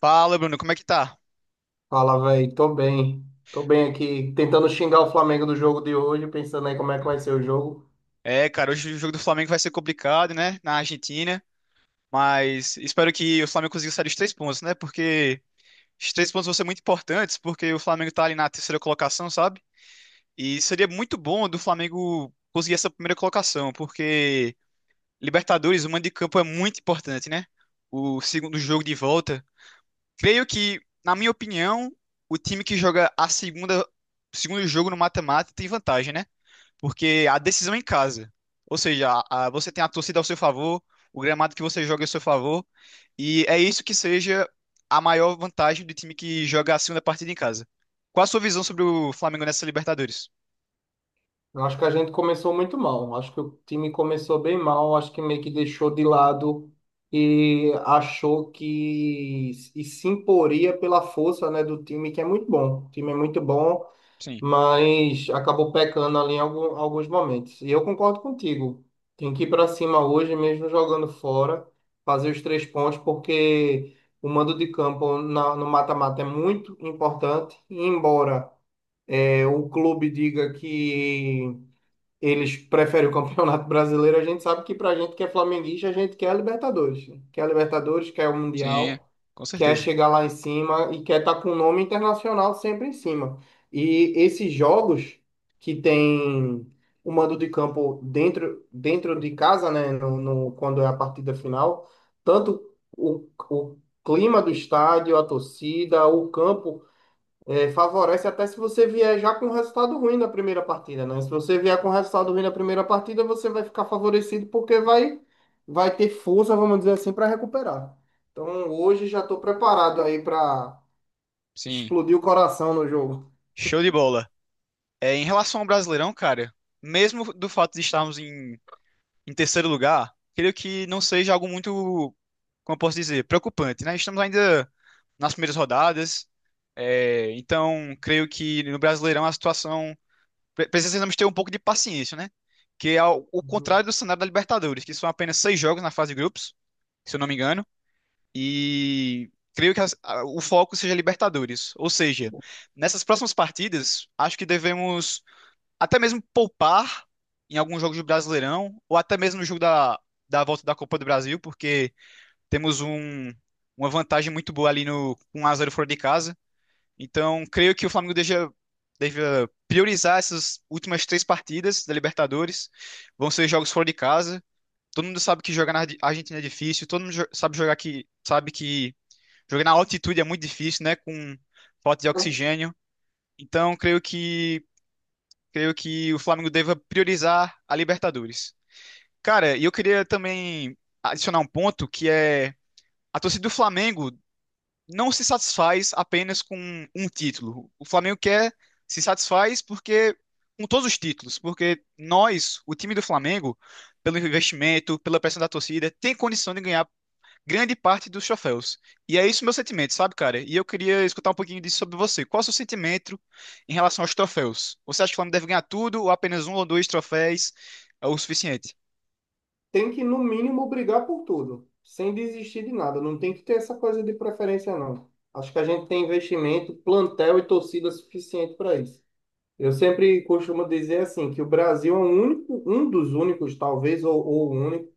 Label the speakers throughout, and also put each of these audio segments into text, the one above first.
Speaker 1: Fala, Bruno, como é que tá?
Speaker 2: Fala, velho. Tô bem. Tô bem aqui, tentando xingar o Flamengo do jogo de hoje, pensando aí como é que vai ser o jogo.
Speaker 1: É, cara, hoje o jogo do Flamengo vai ser complicado, né? Na Argentina, mas espero que o Flamengo consiga sair dos três pontos, né? Porque os três pontos vão ser muito importantes, porque o Flamengo tá ali na terceira colocação, sabe? E seria muito bom do Flamengo conseguir essa primeira colocação, porque Libertadores, o mando de campo é muito importante, né? O segundo jogo de volta. Creio que, na minha opinião, o time que joga a segunda, o segundo jogo no mata-mata tem vantagem, né? Porque a decisão é em casa. Ou seja, você tem a torcida ao seu favor, o gramado que você joga é ao seu favor, e é isso que seja a maior vantagem do time que joga a segunda partida em casa. Qual a sua visão sobre o Flamengo nessa Libertadores?
Speaker 2: Eu acho que a gente começou muito mal. Acho que o time começou bem mal. Acho que meio que deixou de lado e achou que e se imporia pela força, né, do time, que é muito bom. O time é muito bom,
Speaker 1: Sim,
Speaker 2: mas acabou pecando ali em alguns momentos. E eu concordo contigo. Tem que ir para cima hoje, mesmo jogando fora, fazer os três pontos, porque o mando de campo no mata-mata é muito importante. E embora o clube diga que eles preferem o Campeonato Brasileiro, a gente sabe que pra gente que é flamenguista, a gente quer a Libertadores, né? Quer a Libertadores, quer o
Speaker 1: sim,
Speaker 2: Mundial,
Speaker 1: com
Speaker 2: quer
Speaker 1: certeza.
Speaker 2: chegar lá em cima e quer estar com o nome internacional sempre em cima. E esses jogos que tem o mando de campo dentro, de casa, né, quando é a partida final, tanto o clima do estádio, a torcida, o campo favorece até se você vier já com um resultado ruim na primeira partida, né? Se você vier com um resultado ruim na primeira partida, você vai ficar favorecido porque vai ter força, vamos dizer assim, para recuperar. Então hoje já estou preparado aí para
Speaker 1: Sim.
Speaker 2: explodir o coração no jogo.
Speaker 1: Show de bola. É, em relação ao Brasileirão, cara, mesmo do fato de estarmos em terceiro lugar, creio que não seja algo muito, como eu posso dizer, preocupante, né? Estamos ainda nas primeiras rodadas, então creio que no Brasileirão a situação precisamos ter um pouco de paciência, né? Que é o
Speaker 2: Uhum.
Speaker 1: contrário do cenário da Libertadores, que são apenas seis jogos na fase de grupos, se eu não me engano, e creio que o foco seja Libertadores. Ou seja, nessas próximas partidas, acho que devemos até mesmo poupar em alguns jogos do Brasileirão, ou até mesmo no jogo da volta da Copa do Brasil, porque temos uma vantagem muito boa ali no um x 0 fora de casa. Então, creio que o Flamengo deixa. Deve priorizar essas últimas três partidas da Libertadores. Vão ser jogos fora de casa. Todo mundo sabe que jogar na Argentina é difícil. Todo mundo sabe jogar que sabe que jogar na altitude é muito difícil, né? Com falta de oxigênio. Então, creio que o Flamengo deva priorizar a Libertadores. Cara, e eu queria também adicionar um ponto que é a torcida do Flamengo não se satisfaz apenas com um título. O Flamengo quer se satisfaz porque com todos os títulos, porque nós, o time do Flamengo, pelo investimento, pela pressão da torcida, tem condição de ganhar grande parte dos troféus. E é isso meu sentimento, sabe, cara? E eu queria escutar um pouquinho disso sobre você. Qual é o seu sentimento em relação aos troféus? Você acha que o Flamengo deve ganhar tudo ou apenas um ou dois troféus é o suficiente?
Speaker 2: Tem que, no mínimo, brigar por tudo, sem desistir de nada. Não tem que ter essa coisa de preferência, não. Acho que a gente tem investimento, plantel e torcida suficiente para isso. Eu sempre costumo dizer assim, que o Brasil é um único, um dos únicos, talvez, ou o único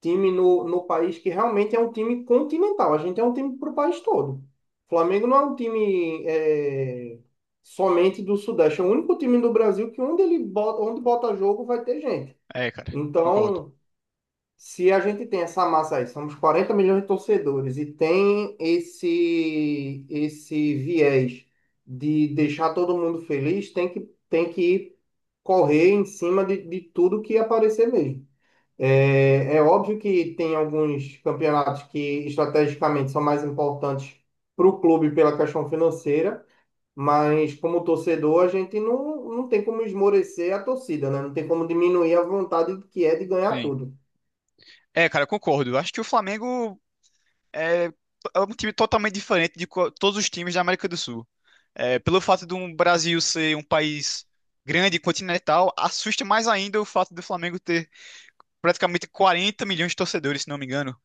Speaker 2: time no país que realmente é um time continental. A gente é um time para o país todo. O Flamengo não é um time somente do Sudeste, é o único time do Brasil que onde ele bota, onde bota jogo vai ter gente.
Speaker 1: É, cara, concordo.
Speaker 2: Então, se a gente tem essa massa aí, somos 40 milhões de torcedores e tem esse viés de deixar todo mundo feliz, tem que correr em cima de tudo que aparecer mesmo. É, é óbvio que tem alguns campeonatos que estrategicamente são mais importantes para o clube pela questão financeira, mas como torcedor a gente não tem como esmorecer a torcida, né? Não tem como diminuir a vontade que é de ganhar
Speaker 1: Sim.
Speaker 2: tudo.
Speaker 1: É, cara, concordo. Acho que o Flamengo é, é um time totalmente diferente de todos os times da América do Sul. É, pelo fato do Brasil ser um país grande, continental, assusta mais ainda o fato do Flamengo ter praticamente 40 milhões de torcedores, se não me engano.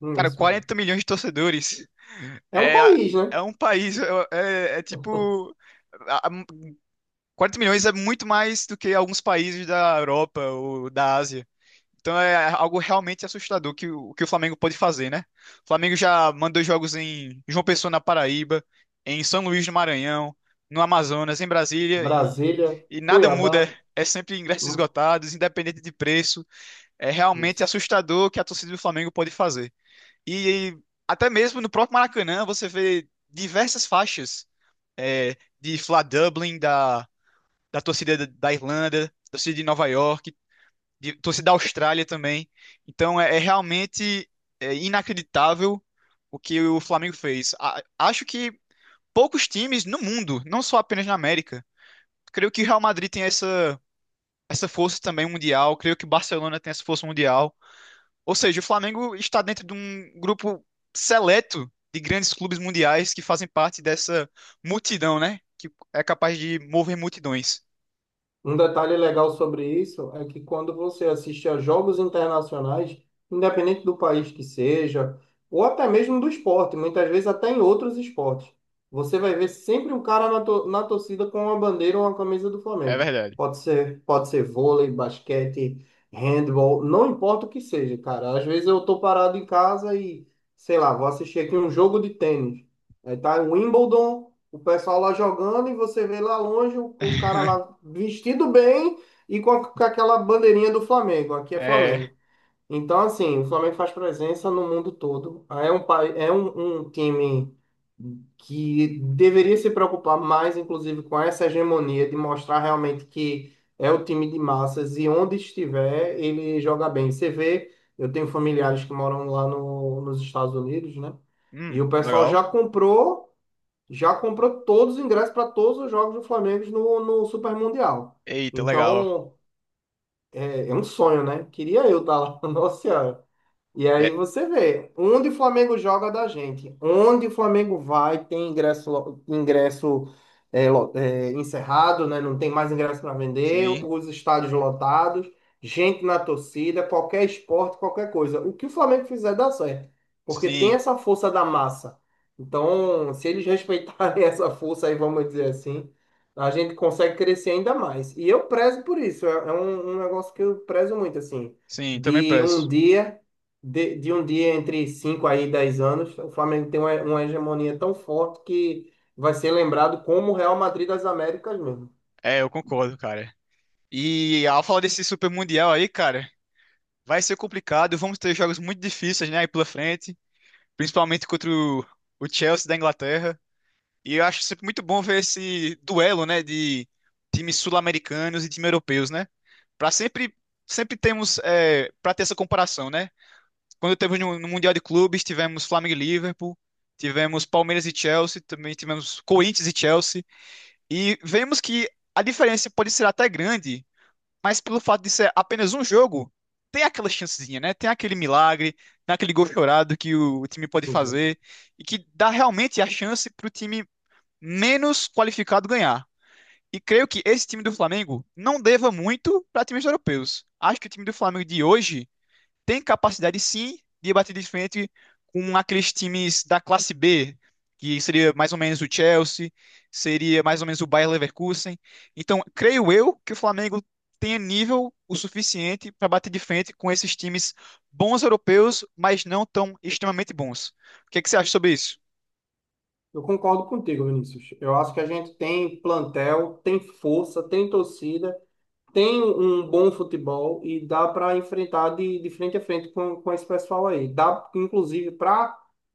Speaker 2: Hum.
Speaker 1: Cara,
Speaker 2: Isso.
Speaker 1: 40 milhões de torcedores.
Speaker 2: É um
Speaker 1: É,
Speaker 2: país, né?
Speaker 1: é um país. É, é tipo. a- a- 40 milhões é muito mais do que alguns países da Europa ou da Ásia. Então é algo realmente assustador que o Flamengo pode fazer, né? O Flamengo já mandou jogos em João Pessoa, na Paraíba, em São Luís, do Maranhão, no Amazonas, em Brasília, e,
Speaker 2: Brasília,
Speaker 1: e nada muda.
Speaker 2: Cuiabá.
Speaker 1: É sempre ingressos
Speaker 2: Hum.
Speaker 1: esgotados, independente de preço. É realmente
Speaker 2: Isso.
Speaker 1: assustador o que a torcida do Flamengo pode fazer. E até mesmo no próprio Maracanã você vê diversas faixas é, de Fla Dublin, da torcida da Irlanda, torcida de Nova York, torcida da Austrália também. Então é realmente inacreditável o que o Flamengo fez. Acho que poucos times no mundo, não só apenas na América, creio que o Real Madrid tem essa força também mundial, creio que o Barcelona tem essa força mundial. Ou seja, o Flamengo está dentro de um grupo seleto de grandes clubes mundiais que fazem parte dessa multidão, né? Que é capaz de mover multidões.
Speaker 2: Um detalhe legal sobre isso é que quando você assiste a jogos internacionais, independente do país que seja, ou até mesmo do esporte, muitas vezes até em outros esportes, você vai ver sempre um cara na torcida com uma bandeira ou uma camisa do
Speaker 1: É
Speaker 2: Flamengo.
Speaker 1: verdade.
Speaker 2: Pode ser vôlei, basquete, handball, não importa o que seja, cara. Às vezes eu tô parado em casa e, sei lá, vou assistir aqui um jogo de tênis. Aí tá Wimbledon. O pessoal lá jogando e você vê lá longe o cara lá vestido bem e com aquela bandeirinha do Flamengo. Aqui é
Speaker 1: É.
Speaker 2: Flamengo. Então, assim, o Flamengo faz presença no mundo todo. É um, é um, um time que deveria se preocupar mais, inclusive, com essa hegemonia de mostrar realmente que é o time de massas e onde estiver, ele joga bem. Você vê, eu tenho familiares que moram lá no, nos Estados Unidos, né? E o pessoal
Speaker 1: Legal.
Speaker 2: já comprou todos os ingressos para todos os jogos do Flamengo no Super Mundial.
Speaker 1: Eita, legal.
Speaker 2: Então, é, é um sonho, né? Queria eu estar lá. Nossa Senhora. E
Speaker 1: É,
Speaker 2: aí você vê, onde o Flamengo joga da gente, onde o Flamengo vai, tem ingresso, ingresso encerrado, né? Não tem mais ingresso para vender,
Speaker 1: sim,
Speaker 2: os estádios lotados, gente na torcida, qualquer esporte, qualquer coisa. O que o Flamengo fizer dá certo, porque tem
Speaker 1: sim,
Speaker 2: essa força da massa. Então, se eles respeitarem essa força aí, vamos dizer assim, a gente consegue crescer ainda mais. E eu prezo por isso, é, é um negócio que eu prezo muito, assim
Speaker 1: sim, também
Speaker 2: de um
Speaker 1: peço.
Speaker 2: dia de um dia entre 5 aí e 10 anos, o Flamengo tem uma hegemonia tão forte que vai ser lembrado como o Real Madrid das Américas mesmo.
Speaker 1: É, eu concordo, cara. E ao falar desse Super Mundial aí, cara, vai ser complicado. Vamos ter jogos muito difíceis, né, aí pela frente. Principalmente contra o Chelsea da Inglaterra. E eu acho sempre muito bom ver esse duelo, né, de times sul-americanos e times europeus, né? Para sempre, sempre temos, para ter essa comparação, né? Quando teve no Mundial de Clubes, tivemos Flamengo e Liverpool, tivemos Palmeiras e Chelsea, também tivemos Corinthians e Chelsea, e vemos que a diferença pode ser até grande, mas pelo fato de ser apenas um jogo, tem aquela chancezinha, né? Tem aquele milagre, tem aquele gol chorado que o time pode
Speaker 2: Uhum.
Speaker 1: fazer e que dá realmente a chance para o time menos qualificado ganhar. E creio que esse time do Flamengo não deva muito para times europeus. Acho que o time do Flamengo de hoje tem capacidade sim de bater de frente com aqueles times da classe B, que seria mais ou menos o Chelsea, seria mais ou menos o Bayer Leverkusen. Então, creio eu que o Flamengo tenha nível o suficiente para bater de frente com esses times bons europeus, mas não tão extremamente bons. O que é que você acha sobre isso?
Speaker 2: Eu concordo contigo, Vinícius. Eu acho que a gente tem plantel, tem força, tem torcida, tem um bom futebol e dá para enfrentar de frente a frente com esse pessoal aí. Dá, inclusive, para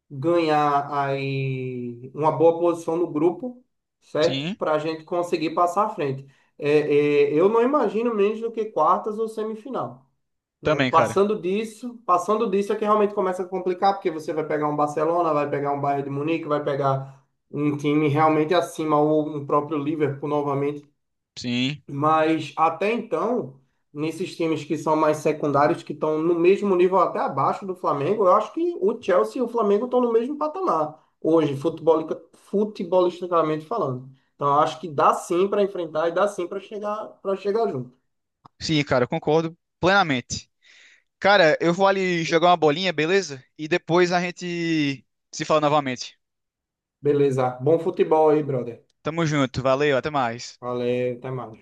Speaker 2: ganhar aí uma boa posição no grupo, certo?
Speaker 1: Sim,
Speaker 2: Para a gente conseguir passar à frente. É, é, eu não imagino menos do que quartas ou semifinal. Né?
Speaker 1: também, cara.
Speaker 2: Passando disso é que realmente começa a complicar, porque você vai pegar um Barcelona, vai pegar um Bayern de Munique, vai pegar um time realmente acima, ou um próprio Liverpool novamente.
Speaker 1: Sim.
Speaker 2: Mas até então, nesses times que são mais secundários, que estão no mesmo nível até abaixo do Flamengo, eu acho que o Chelsea e o Flamengo estão no mesmo patamar hoje, futebol, futebolisticamente falando. Então, eu acho que dá sim para enfrentar e dá sim para chegar junto.
Speaker 1: Sim, cara, eu concordo plenamente. Cara, eu vou ali jogar uma bolinha, beleza? E depois a gente se fala novamente.
Speaker 2: Beleza. Bom futebol aí, brother.
Speaker 1: Tamo junto, valeu, até mais.
Speaker 2: Valeu, até mais.